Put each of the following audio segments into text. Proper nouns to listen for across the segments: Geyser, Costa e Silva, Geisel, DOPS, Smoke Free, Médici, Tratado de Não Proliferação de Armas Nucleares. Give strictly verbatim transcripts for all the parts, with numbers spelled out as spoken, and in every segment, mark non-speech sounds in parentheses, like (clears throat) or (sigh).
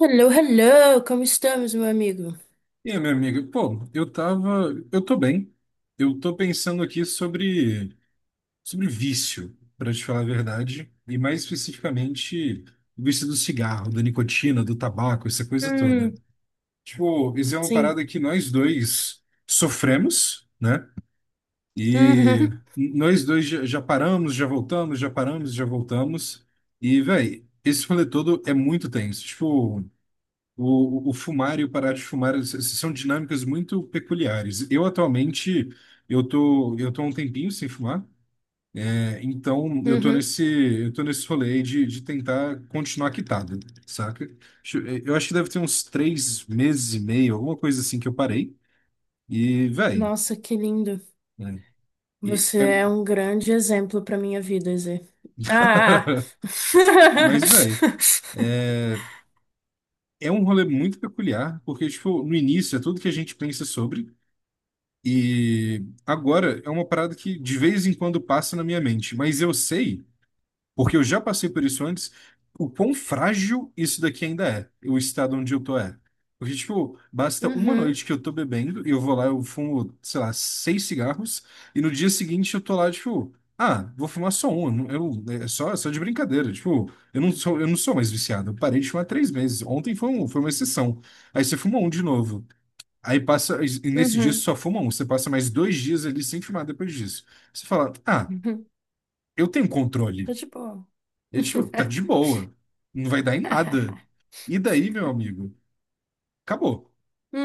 Hello, hello, como estamos, meu amigo? E aí, meu amigo, pô, eu tava, eu tô bem. Eu tô pensando aqui sobre sobre vício, pra te falar a verdade, e mais especificamente o vício do cigarro, da nicotina, do tabaco, essa coisa toda. Hum, Tipo, isso é uma sim. parada que nós dois sofremos, né? E Uhum, nós dois já, já paramos, já voltamos, já paramos, já voltamos. E, véi, esse rolê todo é muito tenso. Tipo, o, o fumar e o parar de fumar s- s- são dinâmicas muito peculiares. Eu atualmente, eu tô, eu tô há um tempinho sem fumar, é, então eu tô uhum. nesse, eu tô nesse rolê aí de, de tentar continuar quitado, saca? Acho- Eu acho que deve ter uns três meses e meio, alguma coisa assim que eu parei. E, véi, Nossa, que lindo. né? E Você é. é um grande exemplo para minha vida, Zé. Ah! (laughs) Ah, ah. Mas, véi, (laughs) é um rolê muito peculiar, porque, tipo, no início é tudo que a gente pensa sobre. E agora é uma parada que de vez em quando passa na minha mente, mas eu sei, porque eu já passei por isso antes, o quão frágil isso daqui ainda é, o estado onde eu tô é. Porque, tipo, basta uma Uhum, noite que eu tô bebendo e eu vou lá, eu fumo, sei lá, seis cigarros, e no dia seguinte eu tô lá, tipo, ah, vou fumar só um, não- eu, é só, é só de brincadeira, tipo, eu não sou, eu não sou mais viciado, eu parei de fumar há três meses, ontem foi, um, foi uma exceção. Aí você fuma um de novo. Aí passa, e nesse dia você uhum, só fuma um, você passa mais dois dias ali sem fumar depois disso. Você fala, ah, uhum. eu tenho Tá controle. de boa. Ele tipo, tá de boa, não vai dar em nada. (laughs) E daí, meu amigo, acabou.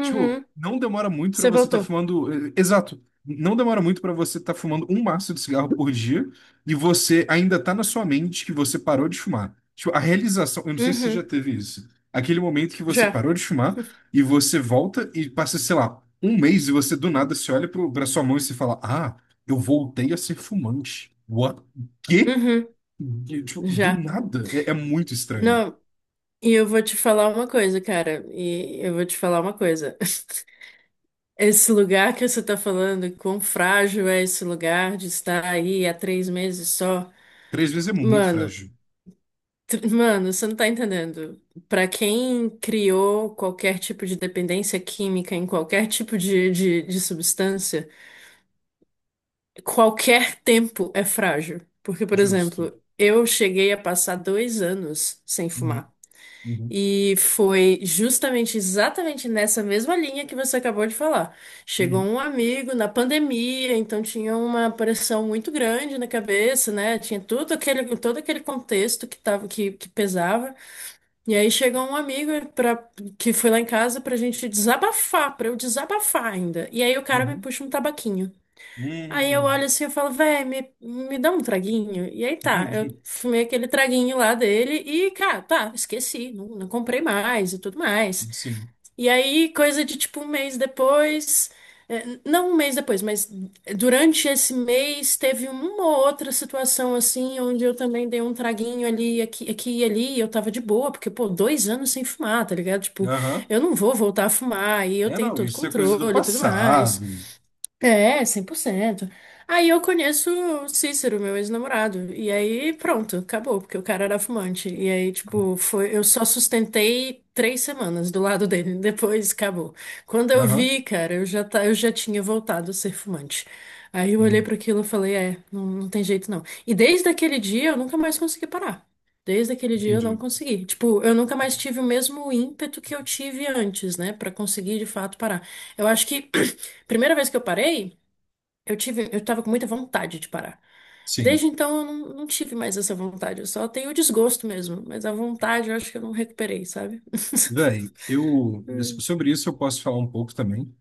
Tipo, não demora muito pra Você você estar voltou. fumando. eh, Exato. Não demora muito pra você estar fumando um maço de cigarro por dia e você ainda tá na sua mente que você parou de fumar. Tipo, a realização. Eu não sei se você já Uhum. teve isso. Aquele momento que você Já. parou de fumar e você volta e passa, sei lá, um mês e você do nada se olha pro, pra sua mão e se fala: Ah, eu voltei a ser fumante. What? Quê? Uhum. E, tipo, do Já. nada. É, é muito estranho. Não, e eu vou te falar uma coisa, cara. E eu vou te falar uma coisa. Esse lugar que você está falando, quão frágil é esse lugar de estar aí há três meses só? Três vezes é muito Mano, frágil. t- mano, você não tá entendendo. Para quem criou qualquer tipo de dependência química em qualquer tipo de, de, de substância, qualquer tempo é frágil. Porque, por Justo. exemplo, eu cheguei a passar dois anos sem Uhum, fumar. uhum, E foi justamente exatamente nessa mesma linha que você acabou de falar. Chegou uhum. um amigo na pandemia, então tinha uma pressão muito grande na cabeça, né? Tinha tudo aquele, todo aquele contexto que tava, que, que pesava. E aí chegou um amigo pra, que foi lá em casa pra gente desabafar, pra eu desabafar ainda. E aí o cara me Uhum. puxa um tabaquinho. Aí eu Uhum. olho assim e falo, véi, me, me dá um traguinho. E aí tá, eu Entendi. fumei aquele traguinho lá dele e, cara, tá, esqueci, não, não comprei mais e tudo mais. Sim. E aí, coisa de tipo um mês depois, eh, não um mês depois, mas durante esse mês teve uma ou outra situação assim, onde eu também dei um traguinho ali, aqui, aqui e ali, e eu tava de boa, porque, pô, dois anos sem fumar, tá ligado? Tipo, Aham. eu não vou voltar a fumar e eu É, tenho não, todo isso é coisa do controle e tudo mais. passado. É, cem por cento. Aí eu conheço o Cícero, meu ex-namorado. E aí, pronto, acabou, porque o cara era fumante. E aí, tipo, foi, eu só sustentei três semanas do lado dele. (laughs) Depois acabou. Quando eu Aham. vi, cara, eu já, tá, eu já tinha voltado a ser fumante. Aí eu olhei Hum. para aquilo e falei, é, não, não tem jeito não. E desde aquele dia eu nunca mais consegui parar. Desde aquele dia eu não Entendi. consegui. Tipo, eu nunca mais tive o mesmo ímpeto que eu tive antes, né, pra conseguir de fato parar. Eu acho que (clears throat) primeira vez que eu parei, eu tive, eu tava com muita vontade de parar. Sim. Desde então, eu não, não tive mais essa vontade. Eu só tenho o desgosto mesmo. Mas a vontade, eu acho que eu não recuperei, sabe? (laughs) Véi, eu Hum, sobre isso eu posso falar um pouco também.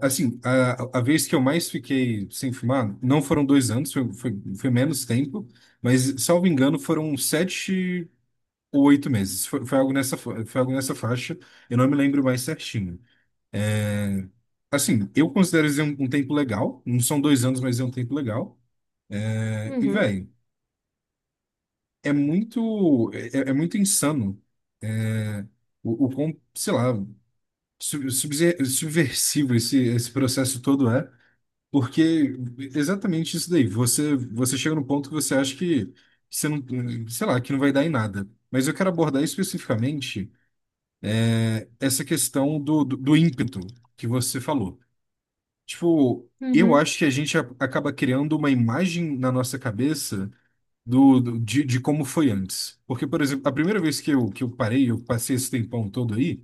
Assim, a, a vez que eu mais fiquei sem fumar, não foram dois anos, foi, foi, foi menos tempo, mas, salvo engano, foram sete ou oito meses. Foi, foi algo nessa, fa- foi algo nessa faixa, eu não me lembro mais certinho. Assim, eu considero isso um, um tempo legal. Não são dois anos, mas é um tempo legal. É, e, uhum, velho, é muito, é, é é muito insano é, o, o quão, sei lá, sub- subse- subversivo esse, esse processo todo é, porque exatamente isso daí. Você, você chega no ponto que você acha que que você não, sei lá, que não vai dar em nada. Mas eu quero abordar especificamente essa questão do, do, do ímpeto que você falou. Tipo, eu uhum, acho que a gente a- acaba criando uma imagem na nossa cabeça do, do- de, de como foi antes. Porque, por exemplo, a primeira vez que eu, que eu parei, eu passei esse tempão todo aí,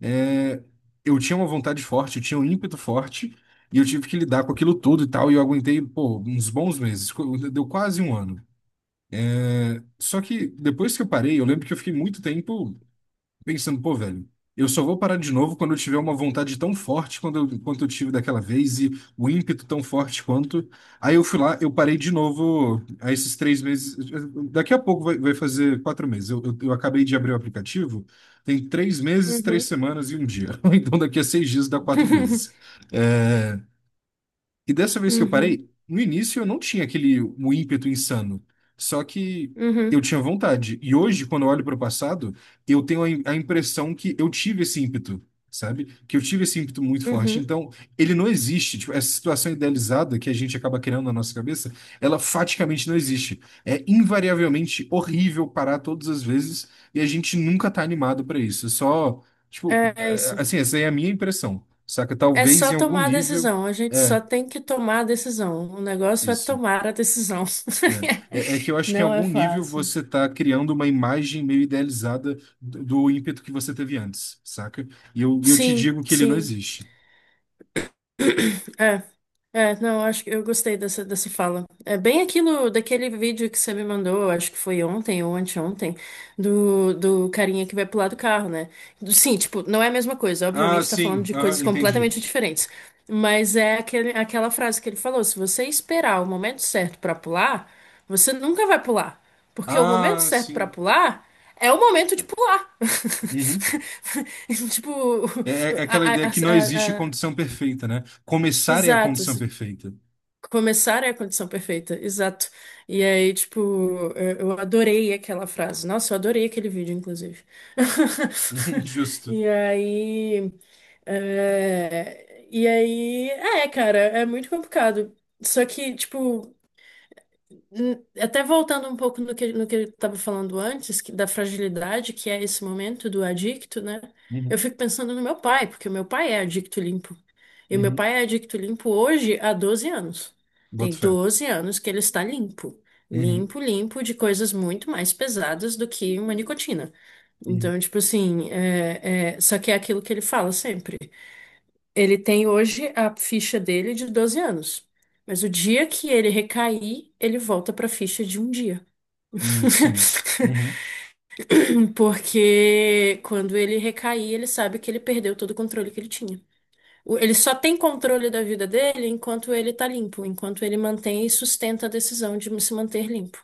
é, eu tinha uma vontade forte, eu tinha um ímpeto forte, e eu tive que lidar com aquilo tudo e tal, e eu aguentei, pô, uns bons meses, co- deu quase um ano. Só que depois que eu parei, eu lembro que eu fiquei muito tempo pensando, pô, velho, eu só vou parar de novo quando eu tiver uma vontade tão forte quando eu- quanto eu tive daquela vez e o ímpeto tão forte quanto. Aí eu fui lá, eu parei de novo a esses três meses. Daqui a pouco vai, vai fazer quatro meses. Eu, eu, eu acabei de abrir o aplicativo, tem três meses, três uhum. semanas e um dia. (laughs) Então daqui a seis dias dá quatro meses. (laughs) É, e dessa vez que eu Uhum, parei, no início eu não tinha aquele um ímpeto insano. Só que eu uhum, tinha vontade. E hoje, quando eu olho para o passado, eu tenho a, im- a impressão que eu tive esse ímpeto, sabe? Que eu tive esse ímpeto muito forte. uhum. Então, ele não existe. Tipo, essa situação idealizada que a gente acaba criando na nossa cabeça, ela faticamente não existe. É invariavelmente horrível parar todas as vezes e a gente nunca tá animado para isso. É só, É tipo, é é, isso. assim, essa aí é a minha impressão, saca? É Talvez em só algum tomar a nível. decisão. A gente É, só tem que tomar a decisão. O negócio é isso. tomar a decisão. É. É, é que eu (laughs) acho que em Não é algum nível fácil. você está criando uma imagem meio idealizada do, do ímpeto que você teve antes, saca? E eu, e eu te Sim, digo que ele não sim. existe. (coughs) É, é, não, acho que eu gostei dessa, dessa fala. É bem aquilo daquele vídeo que você me mandou, acho que foi ontem ou anteontem, do, do carinha que vai pular do carro, né? Do- Sim, tipo, não é a mesma coisa, Ah, obviamente tá falando sim, de ah, coisas entendi. completamente diferentes. Mas é aquele, aquela frase que ele falou: se você esperar o momento certo pra pular, você nunca vai pular. Porque o momento Ah, certo pra sim. pular é o momento de pular. (laughs) Uhum. Tipo, É, é é aquela a, a, a, ideia que não existe a- a- condição perfeita, né? Começar é a exato. condição perfeita. Começar é a condição perfeita, exato. E aí, tipo, eu eu adorei aquela frase. Nossa, eu adorei aquele vídeo, inclusive. (laughs) (laughs) Justo. E aí. é, E aí. É, cara, é muito complicado. Só que, tipo. Hum, Até voltando um pouco no que, no que eu estava falando antes, que- da fragilidade que é esse momento do adicto, né? Eu Uhum. fico pensando no meu pai, porque o meu pai é adicto limpo. E o meu Uhum. pai é adicto limpo hoje há doze anos. Tem Boto fé. doze anos que ele está limpo. Uhum. Limpo, limpo de coisas muito mais pesadas do que uma nicotina. Uhum. Então, tipo assim, é, é, só que é aquilo que ele fala sempre. Ele tem hoje a ficha dele de doze anos. Mas o dia que ele recair, ele volta para a ficha de um dia. Uhum. Sim. (laughs) Uhum. Porque quando ele recair, ele sabe que ele perdeu todo o controle que ele tinha. O- Ele só tem controle da vida dele enquanto ele tá limpo, enquanto ele mantém e sustenta a decisão de se manter limpo.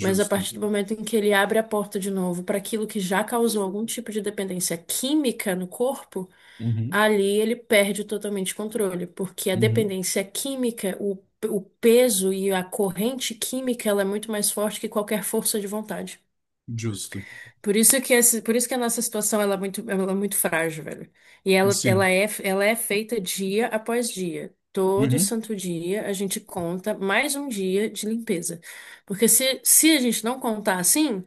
Mas a partir do momento em que ele abre a porta de novo para aquilo que já causou algum tipo de dependência química no corpo, Uhum. ali ele perde totalmente o controle, porque a Uhum. dependência química, o, o peso e a corrente química, ela é muito mais forte que qualquer força de vontade. Justo. Por isso que esse, por isso que a nossa situação ela é muito, ela é muito frágil, velho. E ela, ela Sim. é, ela é feita dia após dia. Todo Uhum. santo dia a gente conta mais um dia de limpeza. Porque se, se a gente não contar assim,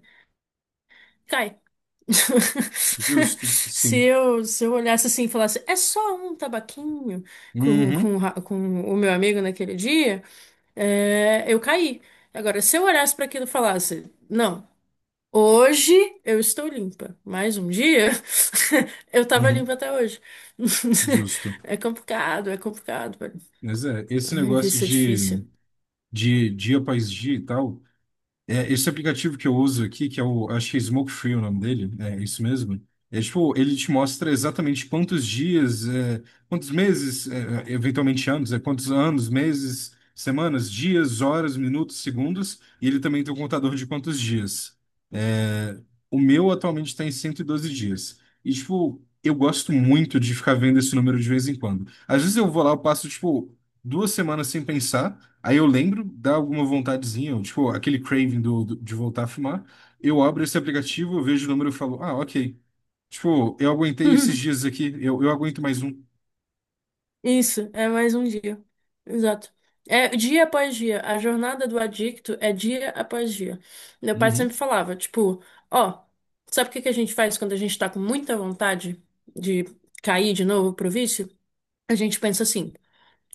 cai. (laughs) Justo. Se Sim. eu, se eu olhasse assim e falasse, é só um tabaquinho com, Uhum, com, ra- com o meu amigo naquele dia, é, eu caí. Agora, se eu olhasse para aquilo e falasse, não, hoje eu estou limpa, mais um dia (laughs) eu estava uhum, limpa até hoje. (laughs) justo. É complicado, é complicado, velho. Mas é, esse Ai, negócio isso é difícil. de, de dia após dia e tal, é, esse aplicativo que eu uso aqui, que é o, acho que é Smoke Free o nome dele, é isso mesmo. É tipo, ele te mostra exatamente quantos dias, é, quantos meses, é, é, eventualmente anos, é quantos anos, meses, semanas, dias, horas, minutos, segundos, e ele também tem um contador de quantos dias. É, o meu atualmente está em cento e doze dias. E tipo, eu gosto muito de ficar vendo esse número de vez em quando. Às vezes eu vou lá, eu passo tipo duas semanas sem pensar. Aí eu lembro, dá alguma vontadezinha, tipo, aquele craving do, do- de voltar a fumar. Eu abro esse aplicativo, eu vejo o número e falo, ah, ok. Tipo, eu aguentei esses (laughs) dias aqui, eu, eu aguento mais um. Isso, é mais um dia. Exato. É dia após dia. A jornada do adicto é dia após dia. Meu pai Uhum, sempre falava, tipo, ó, sabe o que que a gente faz quando a gente tá com muita vontade de cair de novo pro vício? A gente pensa assim,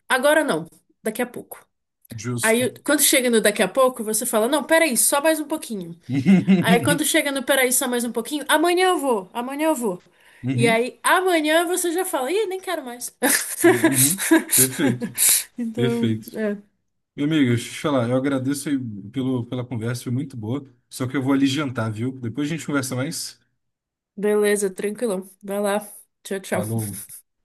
agora não, daqui a pouco. justo. Aí, quando chega no daqui a pouco, você fala, não, peraí, só mais um pouquinho. Aí quando (laughs) chega no peraí, só mais um pouquinho, amanhã eu vou, amanhã eu vou. E Uhum, aí amanhã você já fala, ih, nem quero mais. uhum. Perfeito, (laughs) Então, perfeito. é, Meu amigo, deixa eu te falar, eu agradeço aí pelo, pela conversa, foi muito boa. Só que eu vou ali jantar, viu? Depois a gente conversa mais. beleza, tranquilão. Vai lá. Tchau, Falou. tchau.